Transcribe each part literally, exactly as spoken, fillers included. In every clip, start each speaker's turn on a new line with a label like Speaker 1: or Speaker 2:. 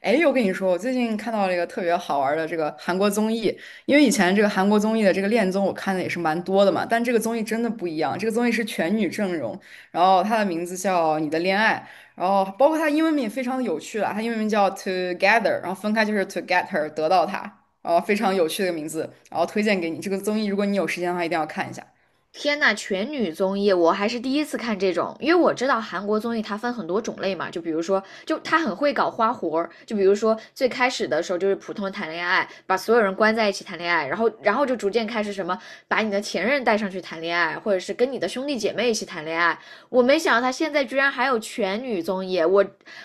Speaker 1: 哎，我跟你说，我最近看到了一个特别好玩儿的这个韩国综艺，因为以前这个韩国综艺的这个恋综我看的也是蛮多的嘛，但这个综艺真的不一样，这个综艺是全女阵容，然后它的名字叫《你的恋爱》，然后包括它英文名也非常的有趣啦，它英文名叫 Together，然后分开就是 To Get Her，得到它，然后非常有趣的一个名字，然后推荐给你，这个综艺如果你有时间的话一定要看一下。
Speaker 2: 天呐，全女综艺我还是第一次看这种，因为我知道韩国综艺它分很多种类嘛，就比如说，就它很会搞花活儿，就比如说最开始的时候就是普通谈恋爱，把所有人关在一起谈恋爱，然后然后就逐渐开始什么把你的前任带上去谈恋爱，或者是跟你的兄弟姐妹一起谈恋爱。我没想到他现在居然还有全女综艺，我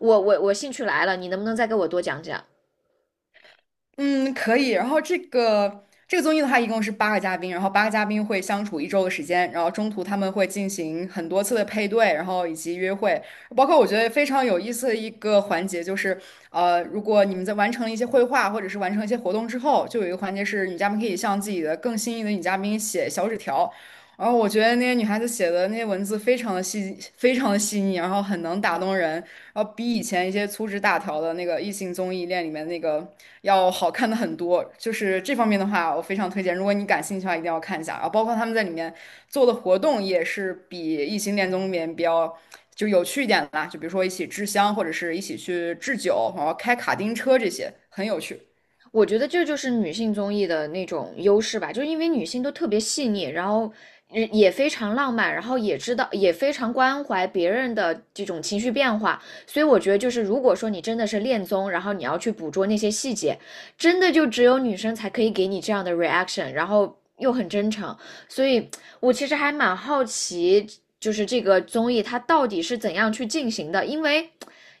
Speaker 2: 我我我兴趣来了，你能不能再给我多讲讲？
Speaker 1: 嗯，可以。然后这个这个综艺的话，一共是八个嘉宾，然后八个嘉宾会相处一周的时间，然后中途他们会进行很多次的配对，然后以及约会。包括我觉得非常有意思的一个环节就是，呃，如果你们在完成了一些绘画或者是完成一些活动之后，就有一个环节是女嘉宾可以向自己的更心仪的女嘉宾写小纸条。然后我觉得那些女孩子写的那些文字非常的细，非常的细腻，然后很能打动人，然后比以前一些粗制大条的那个异性综艺恋里面那个。要好看的很多。就是这方面的话，我非常推荐，如果你感兴趣的话，一定要看一下啊。包括他们在里面做的活动也是比《异形恋综里面比较就有趣一点的啦，就比如说一起制香，或者是一起去制酒，然后开卡丁车这些，很有趣。
Speaker 2: 我觉得这就是女性综艺的那种优势吧，就是因为女性都特别细腻，然后也也非常浪漫，然后也知道也非常关怀别人的这种情绪变化，所以我觉得就是如果说你真的是恋综，然后你要去捕捉那些细节，真的就只有女生才可以给你这样的 reaction，然后又很真诚，所以我其实还蛮好奇，就是这个综艺它到底是怎样去进行的，因为。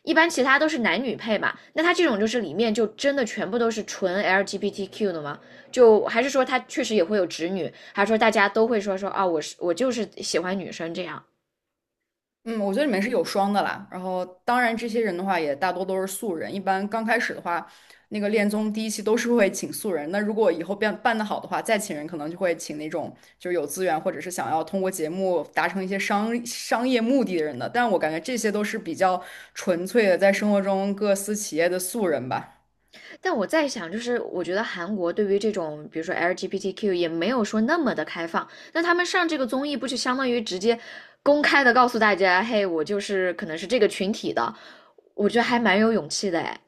Speaker 2: 一般其他都是男女配嘛，那他这种就是里面就真的全部都是纯 L G B T Q 的吗？就还是说他确实也会有直女，还是说大家都会说说啊，我是我就是喜欢女生这样？
Speaker 1: 嗯，我觉得里面是有双的啦。然后，当然这些人的话也大多都是素人。一般刚开始的话，那个恋综第一期都是会请素人。那如果以后变办得好的话，再请人可能就会请那种就是有资源或者是想要通过节目达成一些商商业目的的人的。但我感觉这些都是比较纯粹的，在生活中各司其业的素人吧。
Speaker 2: 但我在想，就是我觉得韩国对于这种比如说 L G B T Q 也没有说那么的开放，那他们上这个综艺不就相当于直接公开的告诉大家，嘿，我就是可能是这个群体的，我觉得还蛮有勇气的哎。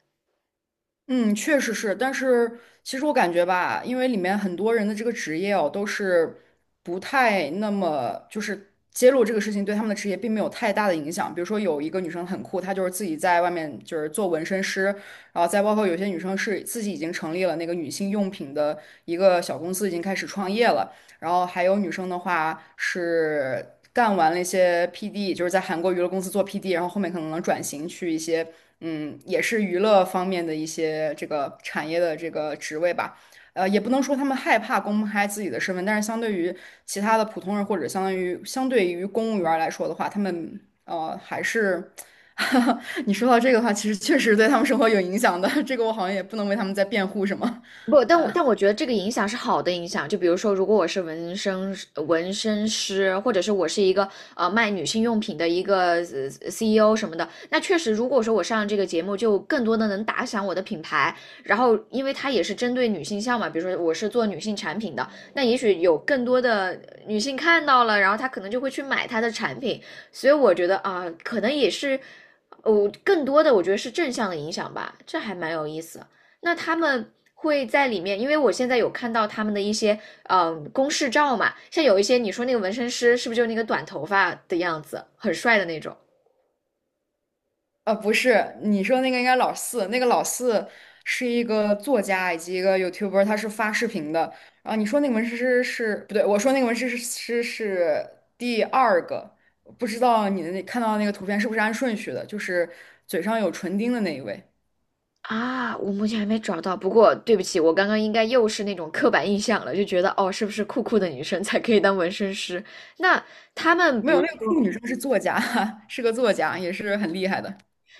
Speaker 1: 嗯，确实是，但是其实我感觉吧，因为里面很多人的这个职业哦，都是不太那么就是揭露这个事情对他们的职业并没有太大的影响。比如说有一个女生很酷，她就是自己在外面就是做纹身师，然后再包括有些女生是自己已经成立了那个女性用品的一个小公司，已经开始创业了。然后还有女生的话是干完了一些 P D，就是在韩国娱乐公司做 P D，然后后面可能能转型去一些。嗯，也是娱乐方面的一些这个产业的这个职位吧。呃，也不能说他们害怕公开自己的身份，但是相对于其他的普通人或者相当于相对于公务员儿来说的话，他们呃还是，你说到这个的话，其实确实对他们生活有影响的。这个我好像也不能为他们在辩护什么。
Speaker 2: 不，但我但我觉得这个影响是好的影响。就比如说，如果我是纹身纹身师，或者是我是一个呃卖女性用品的一个呃 C E O 什么的，那确实，如果说我上这个节目，就更多的能打响我的品牌。然后，因为它也是针对女性向嘛，比如说我是做女性产品的，那也许有更多的女性看到了，然后她可能就会去买她的产品。所以我觉得啊、可能也是，哦，更多的我觉得是正向的影响吧，这还蛮有意思。那他们会在里面，因为我现在有看到他们的一些嗯、呃公示照嘛，像有一些你说那个纹身师是不是就那个短头发的样子，很帅的那种
Speaker 1: 呃，不是，你说那个应该老四，那个老四是一个作家以及一个 YouTuber，他是发视频的。然后你说那个纹身师是不对，我说那个纹身师是是第二个，不知道你的那看到的那个图片是不是按顺序的？就是嘴上有唇钉的那一位，
Speaker 2: 啊？我目前还没找到，不过对不起，我刚刚应该又是那种刻板印象了，就觉得哦，是不是酷酷的女生才可以当纹身师？那他们
Speaker 1: 没
Speaker 2: 比
Speaker 1: 有，
Speaker 2: 如
Speaker 1: 那个
Speaker 2: 说，
Speaker 1: 酷女生是作家，是个作家，也是很厉害的。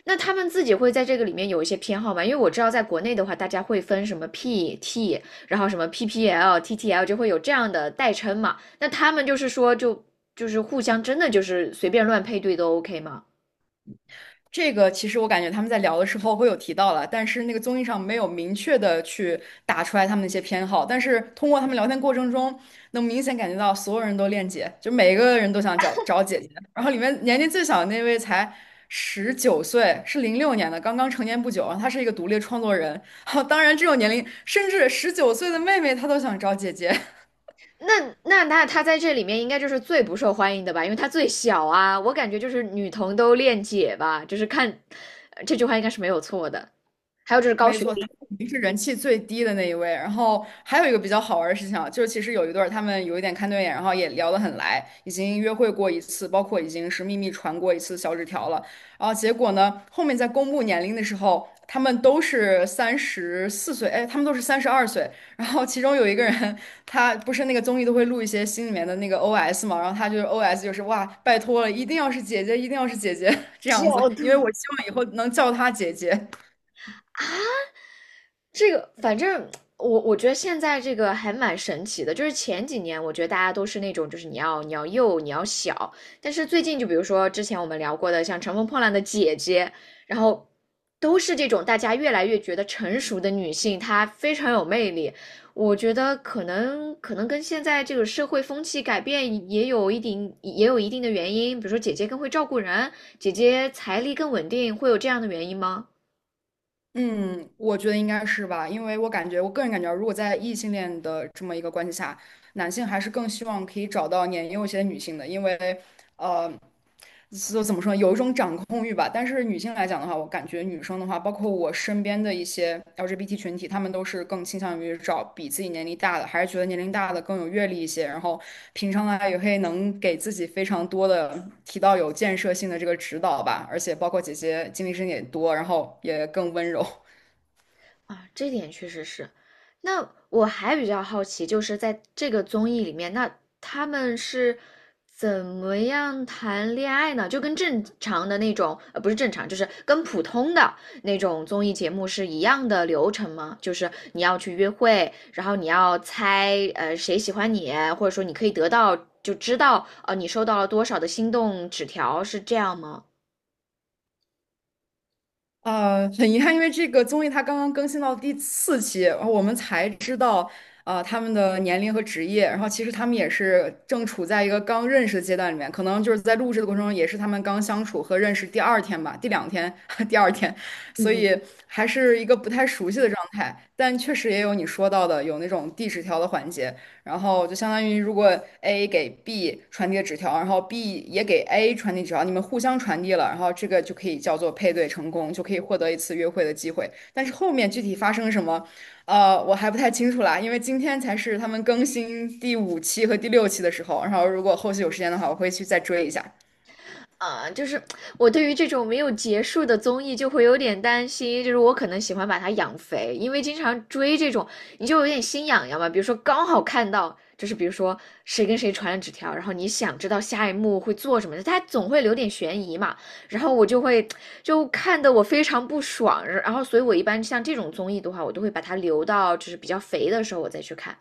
Speaker 2: 那他们自己会在这个里面有一些偏好吗？因为我知道在国内的话，大家会分什么 P T，然后什么 P P L、T T L，就会有这样的代称嘛。那他们就是说就，就是互相真的就是随便乱配对都 OK 吗？
Speaker 1: 这个其实我感觉他们在聊的时候会有提到了，但是那个综艺上没有明确的去打出来他们的一些偏好，但是通过他们聊天过程中，能明显感觉到所有人都恋姐，就每一个人都想找找姐姐。然后里面年龄最小的那位才十九岁，是零六年的，刚刚成年不久，然后他是一个独立创作人。当然，这种年龄，甚至十九岁的妹妹她都想找姐姐。
Speaker 2: 那那那他在这里面应该就是最不受欢迎的吧，因为他最小啊。我感觉就是女同都恋姐吧，就是看呃这句话应该是没有错的。还有就是高
Speaker 1: 没
Speaker 2: 学
Speaker 1: 错，他
Speaker 2: 历，
Speaker 1: 肯定是人气最低的那一位。然后还有一个比较好玩的事情啊，就是其实有一对儿他们有一点看对眼，然后也聊得很来，已经约会过一次，包括已经是秘密传过一次小纸条了。然后结果呢，后面在公布年龄的时候，他们都是三十四岁，哎，他们都是三十二岁。然后其中有一个人，他不是那个综艺都会录一些心里面的那个 O S 嘛，然后他就是 O S 就是哇，拜托了，一定要是姐姐，一定要是姐姐 这样子，
Speaker 2: 小
Speaker 1: 因为
Speaker 2: 度。
Speaker 1: 我希望以后能叫她姐姐。
Speaker 2: 这个反正我我觉得现在这个还蛮神奇的，就是前几年我觉得大家都是那种就是你要你要幼你要小，但是最近就比如说之前我们聊过的像《乘风破浪的姐姐》，然后都是这种大家越来越觉得成熟的女性，她非常有魅力。我觉得可能可能跟现在这个社会风气改变也有一定也有一定的原因，比如说姐姐更会照顾人，姐姐财力更稳定，会有这样的原因吗？
Speaker 1: 我觉得应该是吧，因为我感觉，我个人感觉啊，如果在异性恋的这么一个关系下，男性还是更希望可以找到年幼一些的女性的，因为，呃，就怎么说呢有一种掌控欲吧。但是女性来讲的话，我感觉女生的话，包括我身边的一些 L G B T 群体，她们都是更倾向于找比自己年龄大的，还是觉得年龄大的更有阅历一些，然后平常呢也会能给自己非常多的提到有建设性的这个指导吧，而且包括姐姐经历深也多，然后也更温柔。
Speaker 2: 啊，这点确实是。那我还比较好奇，就是在这个综艺里面，那他们是怎么样谈恋爱呢？就跟正常的那种，呃，不是正常，就是跟普通的那种综艺节目是一样的流程吗？就是你要去约会，然后你要猜，呃，谁喜欢你，或者说你可以得到，就知道，呃，你收到了多少的心动纸条，是这样吗？
Speaker 1: 呃，很遗憾，因为这个综艺它刚刚更新到第四期，然后我们才知道，呃，他们的年龄和职业。然后其实他们也是正处在一个刚认识的阶段里面，可能就是在录制的过程中，也是他们刚相处和认识第二天吧，第两天，第二天，所
Speaker 2: 嗯，
Speaker 1: 以还是一个不太熟悉的状态。但确实也有你说到的，有那种递纸条的环节。然后就相当于如果 A 给 B 传递了纸条，然后 B 也给 A 传递纸条，你们互相传递了，然后这个就可以叫做配对成功，就可以获得一次约会的机会。但是后面具体发生什么，呃，我还不太清楚啦，因为今天才是他们更新第五期和第六期的时候，然后如果后续有时间的话，我会去再追一下。
Speaker 2: 啊，就是我对于这种没有结束的综艺就会有点担心，就是我可能喜欢把它养肥，因为经常追这种，你就有点心痒痒嘛。比如说刚好看到，就是比如说谁跟谁传了纸条，然后你想知道下一幕会做什么的，它总会留点悬疑嘛。然后我就会就看得我非常不爽，然后所以我一般像这种综艺的话，我都会把它留到就是比较肥的时候我再去看。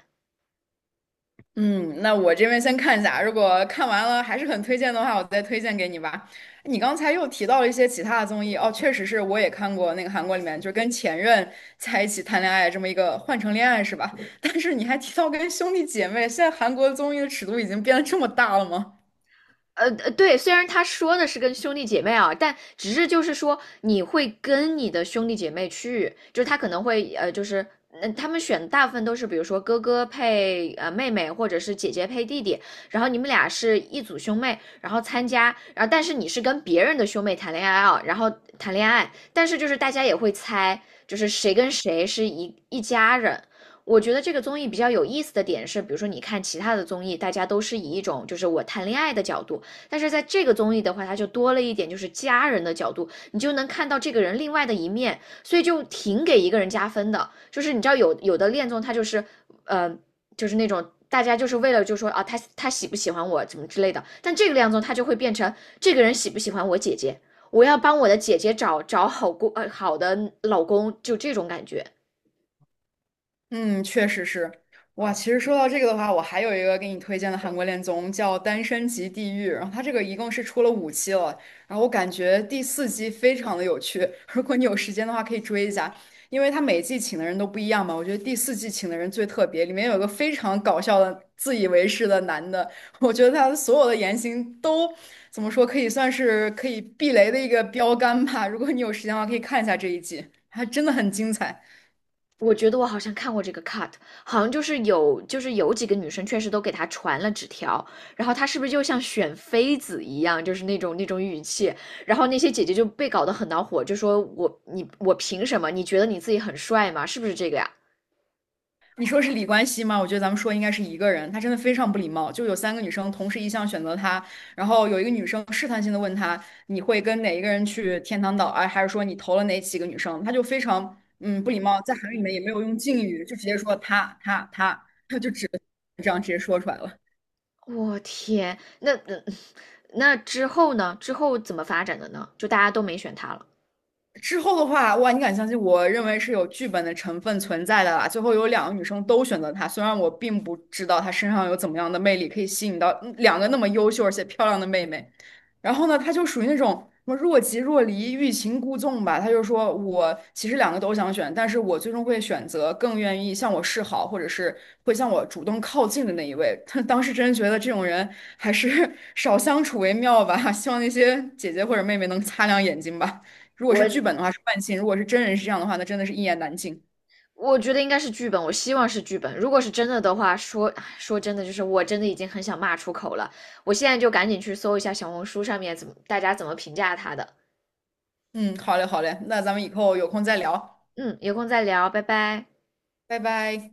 Speaker 1: 嗯，那我这边先看一下，如果看完了还是很推荐的话，我再推荐给你吧。你刚才又提到了一些其他的综艺，哦，确实是我也看过那个韩国里面，就是跟前任在一起谈恋爱这么一个换乘恋爱是吧？但是你还提到跟兄弟姐妹，现在韩国综艺的尺度已经变得这么大了吗？
Speaker 2: 呃呃，对，虽然他说的是跟兄弟姐妹啊，但只是就是说你会跟你的兄弟姐妹去，就是他可能会呃，就是嗯、他们选大部分都是比如说哥哥配呃妹妹，或者是姐姐配弟弟，然后你们俩是一组兄妹，然后参加，然后但是你是跟别人的兄妹谈恋爱啊，然后谈恋爱，但是就是大家也会猜，就是谁跟谁是一一家人。我觉得这个综艺比较有意思的点是，比如说你看其他的综艺，大家都是以一种就是我谈恋爱的角度，但是在这个综艺的话，它就多了一点就是家人的角度，你就能看到这个人另外的一面，所以就挺给一个人加分的。就是你知道有有的恋综，它就是呃，就是那种。大家就是为了就说啊，他他喜不喜欢我怎么之类的，但这个恋综他就会变成这个人喜不喜欢我姐姐，我要帮我的姐姐找找好公呃好的老公，就这种感觉。
Speaker 1: 嗯，确实是。哇，其实说到这个的话，我还有一个给你推荐的韩国恋综叫《单身即地狱》，然后它这个一共是出了五期了，然后我感觉第四季非常的有趣，如果你有时间的话可以追一下，因为它每季请的人都不一样嘛，我觉得第四季请的人最特别，里面有一个非常搞笑的自以为是的男的，我觉得他所有的言行都怎么说，可以算是可以避雷的一个标杆吧。如果你有时间的话，可以看一下这一季，还真的很精彩。
Speaker 2: 我觉得我好像看过这个 cut，好像就是有就是有几个女生确实都给他传了纸条，然后他是不是就像选妃子一样，就是那种那种语气，然后那些姐姐就被搞得很恼火，就说我你我凭什么？你觉得你自己很帅吗？是不是这个呀？
Speaker 1: 你说是李冠希吗？我觉得咱们说应该是一个人，他真的非常不礼貌。就有三个女生同时一项选择他，然后有一个女生试探性的问他，你会跟哪一个人去天堂岛啊？还是说你投了哪几个女生？他就非常嗯不礼貌，在韩语里面也没有用敬语，就直接说他他他，他 就只这样直接说出来了。
Speaker 2: 我天，那那那之后呢？之后怎么发展的呢？就大家都没选他了。
Speaker 1: 之后的话，哇，你敢相信？我认为是有剧本的成分存在的啦。最后有两个女生都选择他，虽然我并不知道他身上有怎么样的魅力可以吸引到嗯两个那么优秀而且漂亮的妹妹。然后呢，他就属于那种什么若即若离、欲擒故纵吧。他就说我其实两个都想选，但是我最终会选择更愿意向我示好，或者是会向我主动靠近的那一位。当时真觉得这种人还是 少相处为妙吧。希望那些姐姐或者妹妹能擦亮眼睛吧。如果是剧本
Speaker 2: 我
Speaker 1: 的话是万幸，如果是真人是这样的话，那真的是一言难尽。
Speaker 2: 我觉得应该是剧本，我希望是剧本。如果是真的的话，说说真的，就是我真的已经很想骂出口了。我现在就赶紧去搜一下小红书上面怎么大家怎么评价他的。
Speaker 1: 嗯，好嘞，好嘞，那咱们以后有空再聊，
Speaker 2: 嗯，有空再聊，拜拜。
Speaker 1: 拜拜。